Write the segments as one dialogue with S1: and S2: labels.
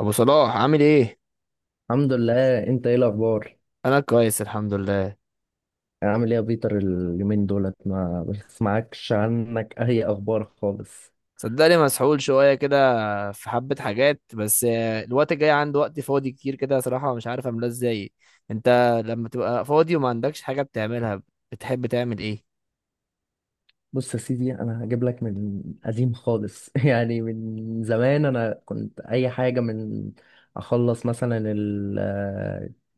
S1: ابو صلاح عامل ايه؟
S2: الحمد لله. انت ايه الاخبار؟
S1: انا كويس الحمد لله.
S2: يعني عامل ايه يا بيتر؟ اليومين دولت ما بسمعكش عنك اي اخبار خالص.
S1: صدقني، مسحول شويه كده. في حبه حاجات بس الوقت الجاي عندي وقت فاضي كتير كده صراحه مش عارف املاه ازاي. انت، لما تبقى فاضي وما عندكش حاجه بتعملها، بتحب تعمل ايه؟
S2: بص يا سيدي، انا هجيب لك من قديم خالص. يعني من زمان انا كنت اي حاجه من اخلص مثلا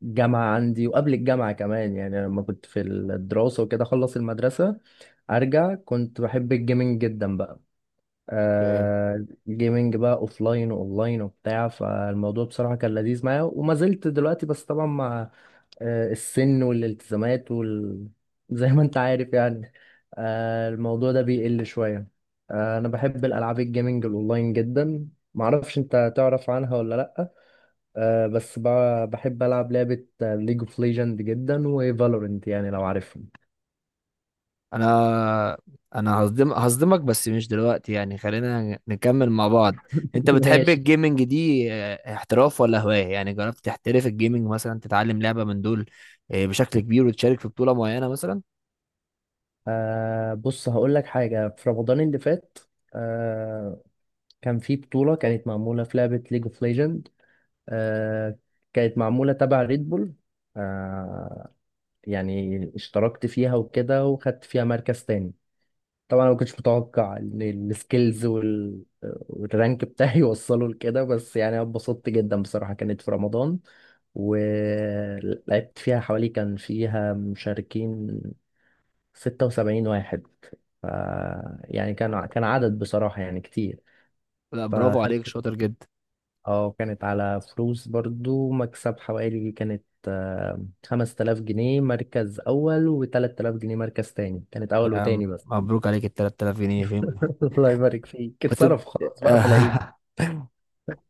S2: الجامعه عندي، وقبل الجامعه كمان، يعني لما كنت في الدراسه وكده اخلص المدرسه ارجع، كنت بحب الجيمنج جدا بقى.
S1: اوكي.
S2: جيمنج بقى اوفلاين واونلاين وبتاع، فالموضوع بصراحة كان لذيذ معايا وما زلت دلوقتي، بس طبعا مع السن والالتزامات زي ما انت عارف يعني. الموضوع ده بيقل شوية. انا بحب الالعاب، الجيمنج الاونلاين جدا. معرفش انت تعرف عنها ولا لا. بس بحب العب لعبة ليج اوف ليجند جدا وفالورنت، يعني لو عارفهم.
S1: انا انا هصدمك بس مش دلوقتي، يعني خلينا نكمل مع بعض. انت بتحب
S2: ماشي.
S1: الجيمنج دي احتراف ولا هواية؟ يعني جربت تحترف الجيمنج مثلا، تتعلم لعبة من دول بشكل كبير وتشارك في بطولة معينة مثلا؟
S2: بص هقول لك حاجة. في رمضان اللي فات آه، كان في بطولة كانت معمولة في لعبة ليج اوف ليجند، كانت معمولة تبع ريد بول. آه يعني اشتركت فيها وكده وخدت فيها مركز تاني. طبعا انا ما كنتش متوقع ان السكيلز والرانك بتاعي يوصلوا لكده، بس يعني أنا اتبسطت جدا بصراحة. كانت في رمضان، ولعبت فيها حوالي، كان فيها مشاركين 76 واحد. ف يعني كان عدد بصراحة يعني كتير.
S1: لا، برافو عليك،
S2: فخدت،
S1: شاطر جدا.
S2: اه كانت على فلوس برضو، مكسب حوالي كانت 5000 جنيه مركز أول و3000 جنيه مركز تاني، كانت أول
S1: يا عم،
S2: وتاني بس.
S1: مبروك، عليك ال 3000 جنيه فين؟
S2: الله يبارك فيك،
S1: بتد...
S2: اتصرف خلاص بقى في العيد.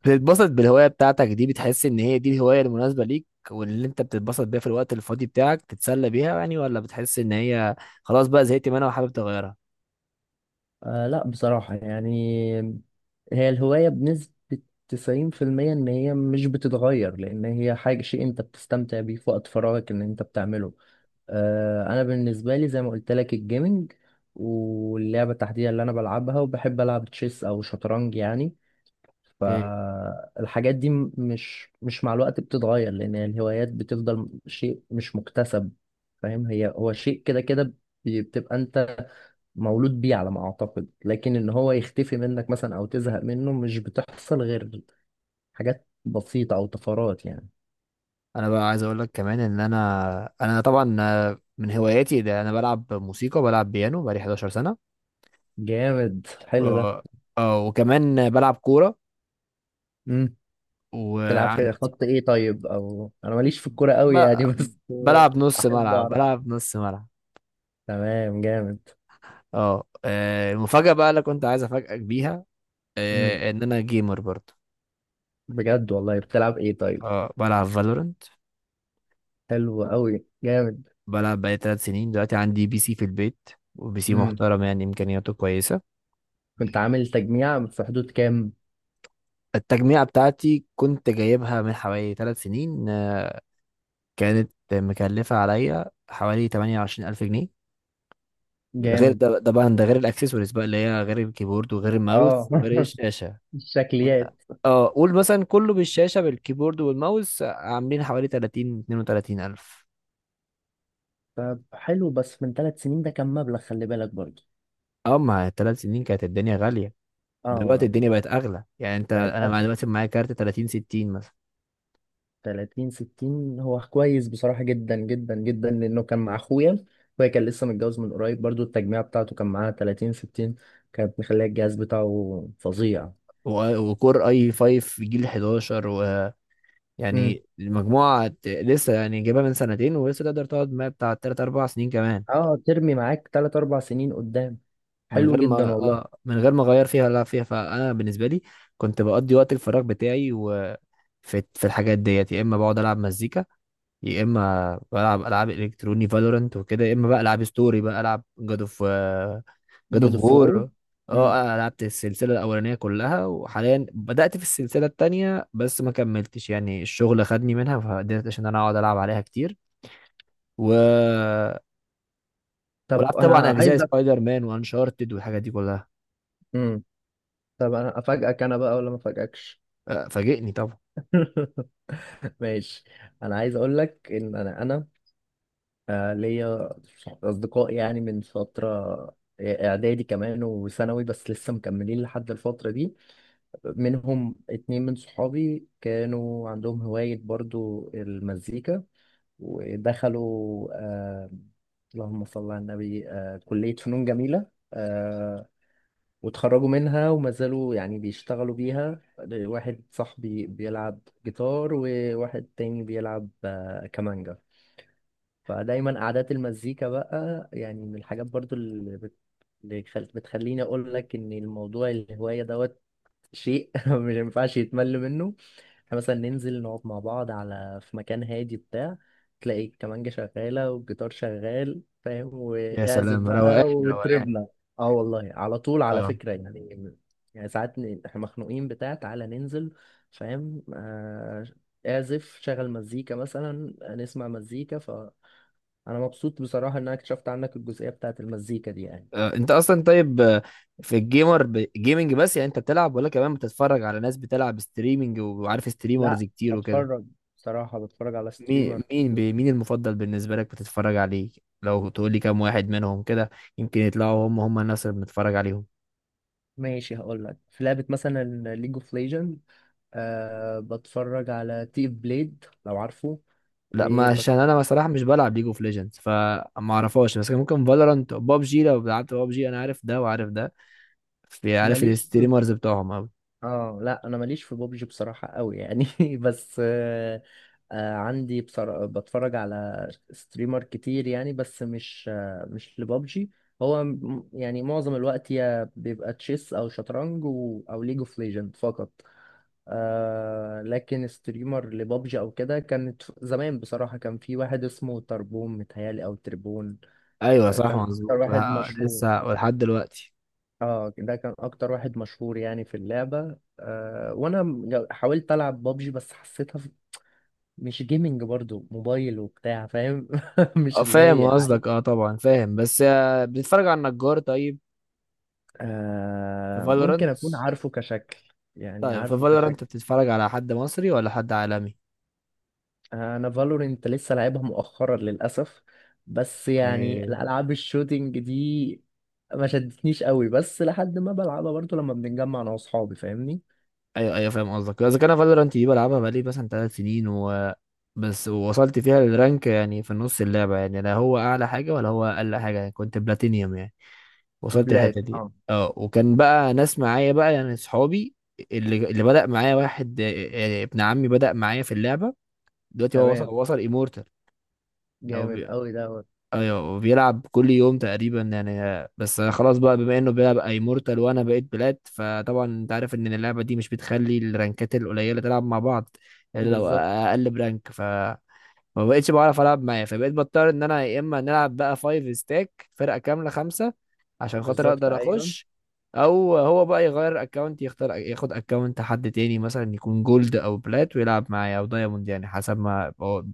S1: بتتبسط بالهواية بتاعتك دي؟ بتحس ان هي دي الهواية المناسبة ليك، واللي انت بتتبسط بيها في الوقت الفاضي بتاعك تتسلى بيها يعني؟ ولا بتحس ان هي خلاص بقى زهقت منها وحابب تغيرها؟
S2: لا بصراحة يعني، هي الهواية بنسبة 90% إن هي مش بتتغير، لأن هي حاجة، شيء أنت بتستمتع بيه في وقت فراغك إن أنت بتعمله. أنا بالنسبة لي زي ما قلت لك الجيمنج، واللعبة التحديدية اللي أنا بلعبها، وبحب ألعب تشيس أو شطرنج يعني.
S1: اوكي.
S2: فالحاجات دي مش مع الوقت بتتغير، لأن يعني الهوايات بتفضل شيء مش مكتسب، فاهم. هو شيء كده كده. بتبقى أنت مولود بيه على ما أعتقد، لكن إن هو يختفي منك مثلا أو تزهق منه مش بتحصل غير حاجات بسيطة أو طفرات يعني.
S1: انا بقى عايز اقول لك كمان، ان انا طبعا، من هواياتي ده انا بلعب موسيقى، بلعب بيانو بقالي 11 سنة.
S2: جامد، حلو ده.
S1: اه. وكمان بلعب كورة،
S2: امم. تلعب كده
S1: وعندي
S2: خط إيه طيب؟ أو أنا ماليش في الكورة قوي
S1: ب-
S2: يعني، بس
S1: بلعب نص
S2: أحب
S1: ملعب،
S2: أعرف.
S1: بلعب نص ملعب.
S2: تمام، جامد.
S1: اه. المفاجأة بقى اللي كنت عايز افاجئك بيها،
S2: امم.
S1: ان انا جيمر برضه.
S2: بجد والله؟ بتلعب إيه طيب؟
S1: اه، بلعب فالورنت.
S2: حلو قوي، جامد.
S1: بلعب بقالي 3 سنين. دلوقتي عندي بي سي في البيت، وبي سي
S2: امم.
S1: محترم يعني، امكانياته كويسة.
S2: كنت عامل تجميع في حدود كام؟
S1: التجميعة بتاعتي كنت جايبها من حوالي 3 سنين. كانت مكلفة عليا حوالي 28000 جنيه. ده غير،
S2: جامد.
S1: ده طبعا ده غير الاكسسوارز بقى اللي هي غير الكيبورد وغير
S2: اه
S1: الماوس وغير الشاشة.
S2: الشكليات.
S1: اه. قول مثلا كله بالشاشة بالكيبورد والماوس عاملين حوالي 30 32000.
S2: طب حلو، بس من 3 سنين ده كان مبلغ، خلي بالك برضه.
S1: اه، ما 3 سنين كانت الدنيا غالية.
S2: اه
S1: دلوقتي
S2: أنا.
S1: الدنيا بقت اغلى يعني، انت،
S2: بقت
S1: انا
S2: اغلى.
S1: مثلا معايا كارت 30 60 مثلا.
S2: 30 60 هو كويس بصراحة جدا جدا جدا، لانه كان مع اخويا. اخويا كان لسه متجوز من قريب برضه، التجميع بتاعته كان معاها 30 60، كانت مخليه الجهاز بتاعه فظيع.
S1: وكور اي 5 جيل 11.
S2: امم.
S1: ويعني المجموعة، لسه يعني جايبها من سنتين، ولسه تقدر تقعد معايا بتاع 3 4 سنين كمان.
S2: اه، ترمي معاك 3 4 سنين قدام،
S1: من
S2: حلو
S1: غير ما
S2: جدا والله.
S1: اه من غير ما اغير فيها ولا فيها. فانا بالنسبة لي كنت بقضي وقت الفراغ بتاعي، وفي الحاجات ديت، يا اما بقعد العب مزيكا، يا اما بلعب العاب الكتروني فالورنت وكده، يا اما بقى العب ستوري، بقى العب جاد
S2: جود
S1: اوف
S2: فور.
S1: وور. اه، انا لعبت السلسله الاولانيه كلها، وحاليا بدات في السلسله التانية بس ما كملتش، يعني الشغل خدني منها فقدرت عشان انا اقعد العب عليها كتير، و
S2: طب
S1: ولعبت طبعا
S2: انا
S1: اجزاء
S2: عايز.
S1: سبايدر مان وانشارتد والحاجات دي كلها.
S2: أف- طب انا افاجئك انا بقى ولا ما افاجئكش؟
S1: فاجئني طبعا.
S2: ماشي. انا عايز اقول لك ان انا ليا اصدقاء يعني من فتره، اعدادي كمان وثانوي، بس لسه مكملين لحد الفتره دي. منهم اتنين من صحابي كانوا عندهم هوايه برضو المزيكا، ودخلوا اللهم صل على النبي كليه فنون جميله، آه، واتخرجوا منها وما زالوا يعني بيشتغلوا بيها. واحد صاحبي بيلعب جيتار، وواحد تاني بيلعب كمانجا. فدايما قعدات المزيكا بقى، يعني من الحاجات برضو اللي بت- اللي خل- بتخليني اقول لك ان الموضوع الهواية دوت شيء. مش، ما ينفعش يتمل منه. احنا مثلا ننزل نقعد مع بعض في مكان هادي بتاع، تلاقي الكمانجة شغالة والجيتار شغال، فاهم،
S1: يا
S2: واعزف
S1: سلام، روقان
S2: بقى
S1: روقان.
S2: وتربنا. اه والله، على طول على
S1: اه.
S2: فكرة يعني. يعني ساعات احنا مخنوقين بتاع، تعالى ننزل، فاهم. اعزف، شغل مزيكا مثلا، نسمع مزيكا. فأنا مبسوط بصراحة إن أنا اكتشفت عنك الجزئية بتاعت المزيكا دي يعني.
S1: انت اصلا طيب. في الجيمر جيمنج بس، يعني انت بتلعب ولا كمان بتتفرج على ناس بتلعب ستريمنج، وعارف ستريمرز
S2: لا،
S1: كتير وكده؟
S2: بتفرج. بصراحة بتفرج على
S1: مين
S2: ستريمر.
S1: مين بي- مين المفضل بالنسبة لك بتتفرج عليه؟ لو تقول لي كام واحد منهم كده، يمكن يطلعوا هم هم الناس اللي بنتفرج عليهم.
S2: ماشي هقول لك، في لعبة مثلا ليج اوف ليجند بتفرج على تيف بليد لو عارفه.
S1: لا، ما
S2: وبت...
S1: عشان انا بصراحة مش بلعب ليج اوف ليجندز فما اعرفهاش، بس كان ممكن فالورانت، بابجي، لو لعبت بابجي انا عارف ده وعارف ده. في، عارف
S2: ماليش في...
S1: الستريمرز بتوعهم أوي.
S2: اه لا انا ماليش في بوبجي بصراحة قوي يعني، بس عندي بتفرج على ستريمر كتير يعني، بس مش لبابجي. هو يعني معظم الوقت يا بيبقى تشيس او شطرنج او ليج اوف ليجند فقط. لكن ستريمر لبابجي او كده كانت زمان بصراحة، كان في واحد اسمه تربون، متهيألي او تربون
S1: ايوه، صح
S2: كان اكتر
S1: مظبوط،
S2: واحد مشهور.
S1: لسه ولحد دلوقتي.
S2: اه ده كان اكتر واحد مشهور يعني في اللعبة. وانا حاولت العب بابجي، بس حسيتها مش جيمنج، برضو موبايل وبتاع، فاهم.
S1: اه
S2: مش اللي
S1: فاهم
S2: هي.
S1: قصدك، اه طبعا فاهم، بس بتتفرج على النجار؟ طيب في
S2: ممكن
S1: فالورانت.
S2: اكون عارفه كشكل، يعني
S1: طيب في
S2: عارفه.
S1: فالورانت بتتفرج على حد مصري ولا حد عالمي؟
S2: انا فالورنت لسه لعبها مؤخرا للاسف، بس يعني الالعاب الشوتينج دي ما شدتنيش قوي، بس لحد ما بلعبها برضو لما بنتجمع انا واصحابي، فاهمني.
S1: ايوه، ايوه، فاهم قصدك. اذا كان فالورانت دي بلعبها بقالي مثلا 3 سنين، و بس وصلت فيها للرانك يعني في النص اللعبه، يعني لا هو اعلى حاجه ولا هو اقل حاجه، يعني كنت بلاتينيوم يعني، وصلت الحته
S2: بلاك،
S1: دي.
S2: اه.
S1: اه، وكان بقى ناس معايا بقى يعني اصحابي، اللي بدأ معايا واحد، ابن عمي بدأ معايا في اللعبه. دلوقتي هو وصل
S2: تمام،
S1: وصل ايمورتال.
S2: جامد قوي دوت.
S1: ايوه، وبيلعب كل يوم تقريبا يعني. بس خلاص بقى، بما انه بيلعب اي مورتال وانا بقيت بلاد، فطبعا انت عارف ان اللعبه دي مش بتخلي الرانكات القليله تلعب مع بعض الا لو
S2: بالظبط.
S1: اقل برانك، ف ما بقتش بعرف العب معاه، فبقيت بضطر ان انا يا اما نلعب بقى فايف ستاك فرقه كامله 5، عشان خاطر
S2: بالظبط
S1: اقدر
S2: ايوه.
S1: اخش. او هو بقى يغير اكونت، يختار ياخد اكونت حد تاني مثلا يكون جولد او بلات ويلعب معايا او دايموند يعني حسب ما هو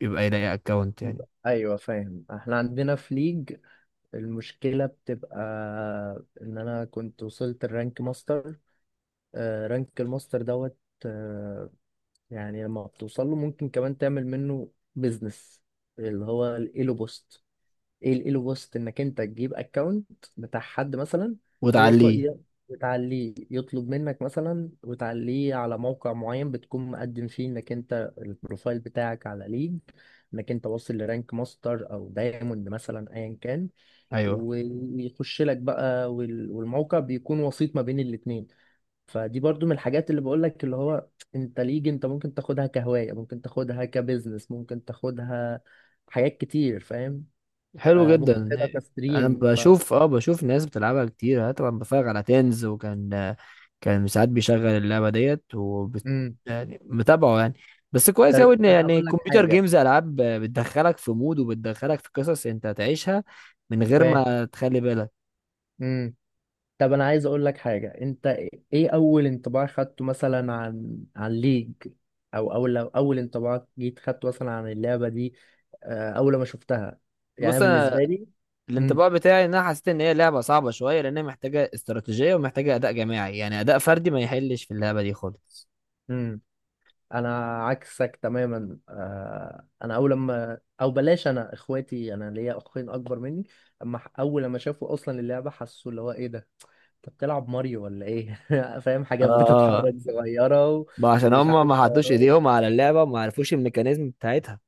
S1: يبقى يلاقي اكونت يعني.
S2: ايوه، فاهم. احنا عندنا في ليج، المشكله بتبقى ان انا كنت وصلت الرانك ماستر، رانك الماستر دوت. آه، يعني لما بتوصل له ممكن كمان تعمل منه بيزنس، اللي هو الايلو بوست. ايه الايلو بوست؟ انك انت تجيب اكونت بتاع حد مثلا. هو ط-
S1: وتعليه.
S2: ي- بتعليه، يطلب منك مثلا وتعليه على موقع معين بتكون مقدم فيه، انك انت البروفايل بتاعك على ليج، انك انت واصل لرانك ماستر او دايموند مثلا ايا كان،
S1: ايوه.
S2: ويخش لك بقى والموقع بيكون وسيط ما بين الاتنين. فدي برضو من الحاجات اللي بقولك، اللي هو انت ليج انت ممكن تاخدها كهواية، ممكن تاخدها كبزنس، ممكن تاخدها حاجات كتير، فاهم.
S1: حلو جدا.
S2: ممكن تاخدها
S1: انا
S2: كستريم.
S1: بشوف ناس بتلعبها كتير، انا طبعا بتفرج على تنز، وكان ساعات بيشغل اللعبه ديت
S2: امم.
S1: يعني متابعه يعني. بس
S2: طب
S1: كويس قوي
S2: انت
S1: ان يعني
S2: هقول لك
S1: كمبيوتر
S2: حاجة،
S1: جيمز العاب بتدخلك في مود وبتدخلك في قصص انت هتعيشها من غير
S2: فاهم.
S1: ما تخلي بالك.
S2: امم. طب انا عايز اقول لك حاجة انت. ايه اول انطباع خدته مثلا عن ليج؟ او اول لو اول انطباع جيت خدته مثلا عن اللعبة دي اول ما شفتها؟ يعني أنا
S1: بص، انا
S2: بالنسبة لي.
S1: الانطباع بتاعي ان انا حسيت ان هي لعبه صعبه شويه لان هي محتاجه استراتيجيه ومحتاجه اداء جماعي، يعني اداء فردي ما يحلش في اللعبه دي خالص.
S2: امم. انا عكسك تماما. انا اول لما، او بلاش، انا اخواتي، انا ليا اخين اكبر مني. اما اول لما شافوا اصلا اللعبه حسوا اللي هو ايه ده، انت بتلعب ماريو ولا ايه؟ فاهم، حاجات
S1: اه،
S2: بتتحرك صغيره
S1: ما عشان
S2: ومش
S1: هم
S2: عارف
S1: ما حطوش
S2: حوارات.
S1: ايديهم على اللعبه وما عرفوش الميكانيزم بتاعتها.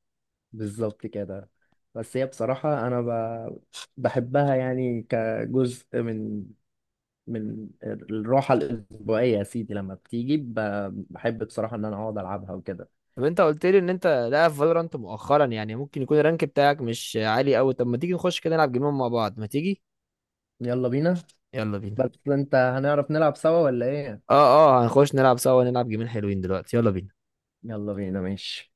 S2: بالظبط كده. بس هي بصراحه انا بحبها يعني كجزء من الراحه الاسبوعيه يا سيدي، لما بتيجي بحب بصراحه ان انا اقعد العبها وكده.
S1: طب انت قلت لي ان انت لاعب فالورانت مؤخرا، يعني ممكن يكون الرانك بتاعك مش عالي قوي. طب ما تيجي نخش كده نلعب جيمين مع بعض؟ ما تيجي؟
S2: يلا بينا.
S1: يلا بينا.
S2: بس انت هنعرف نلعب سوا ولا ايه؟
S1: اه، اه، هنخش نلعب سوا، نلعب جيمين حلوين دلوقتي. يلا بينا.
S2: يلا بينا، ماشي.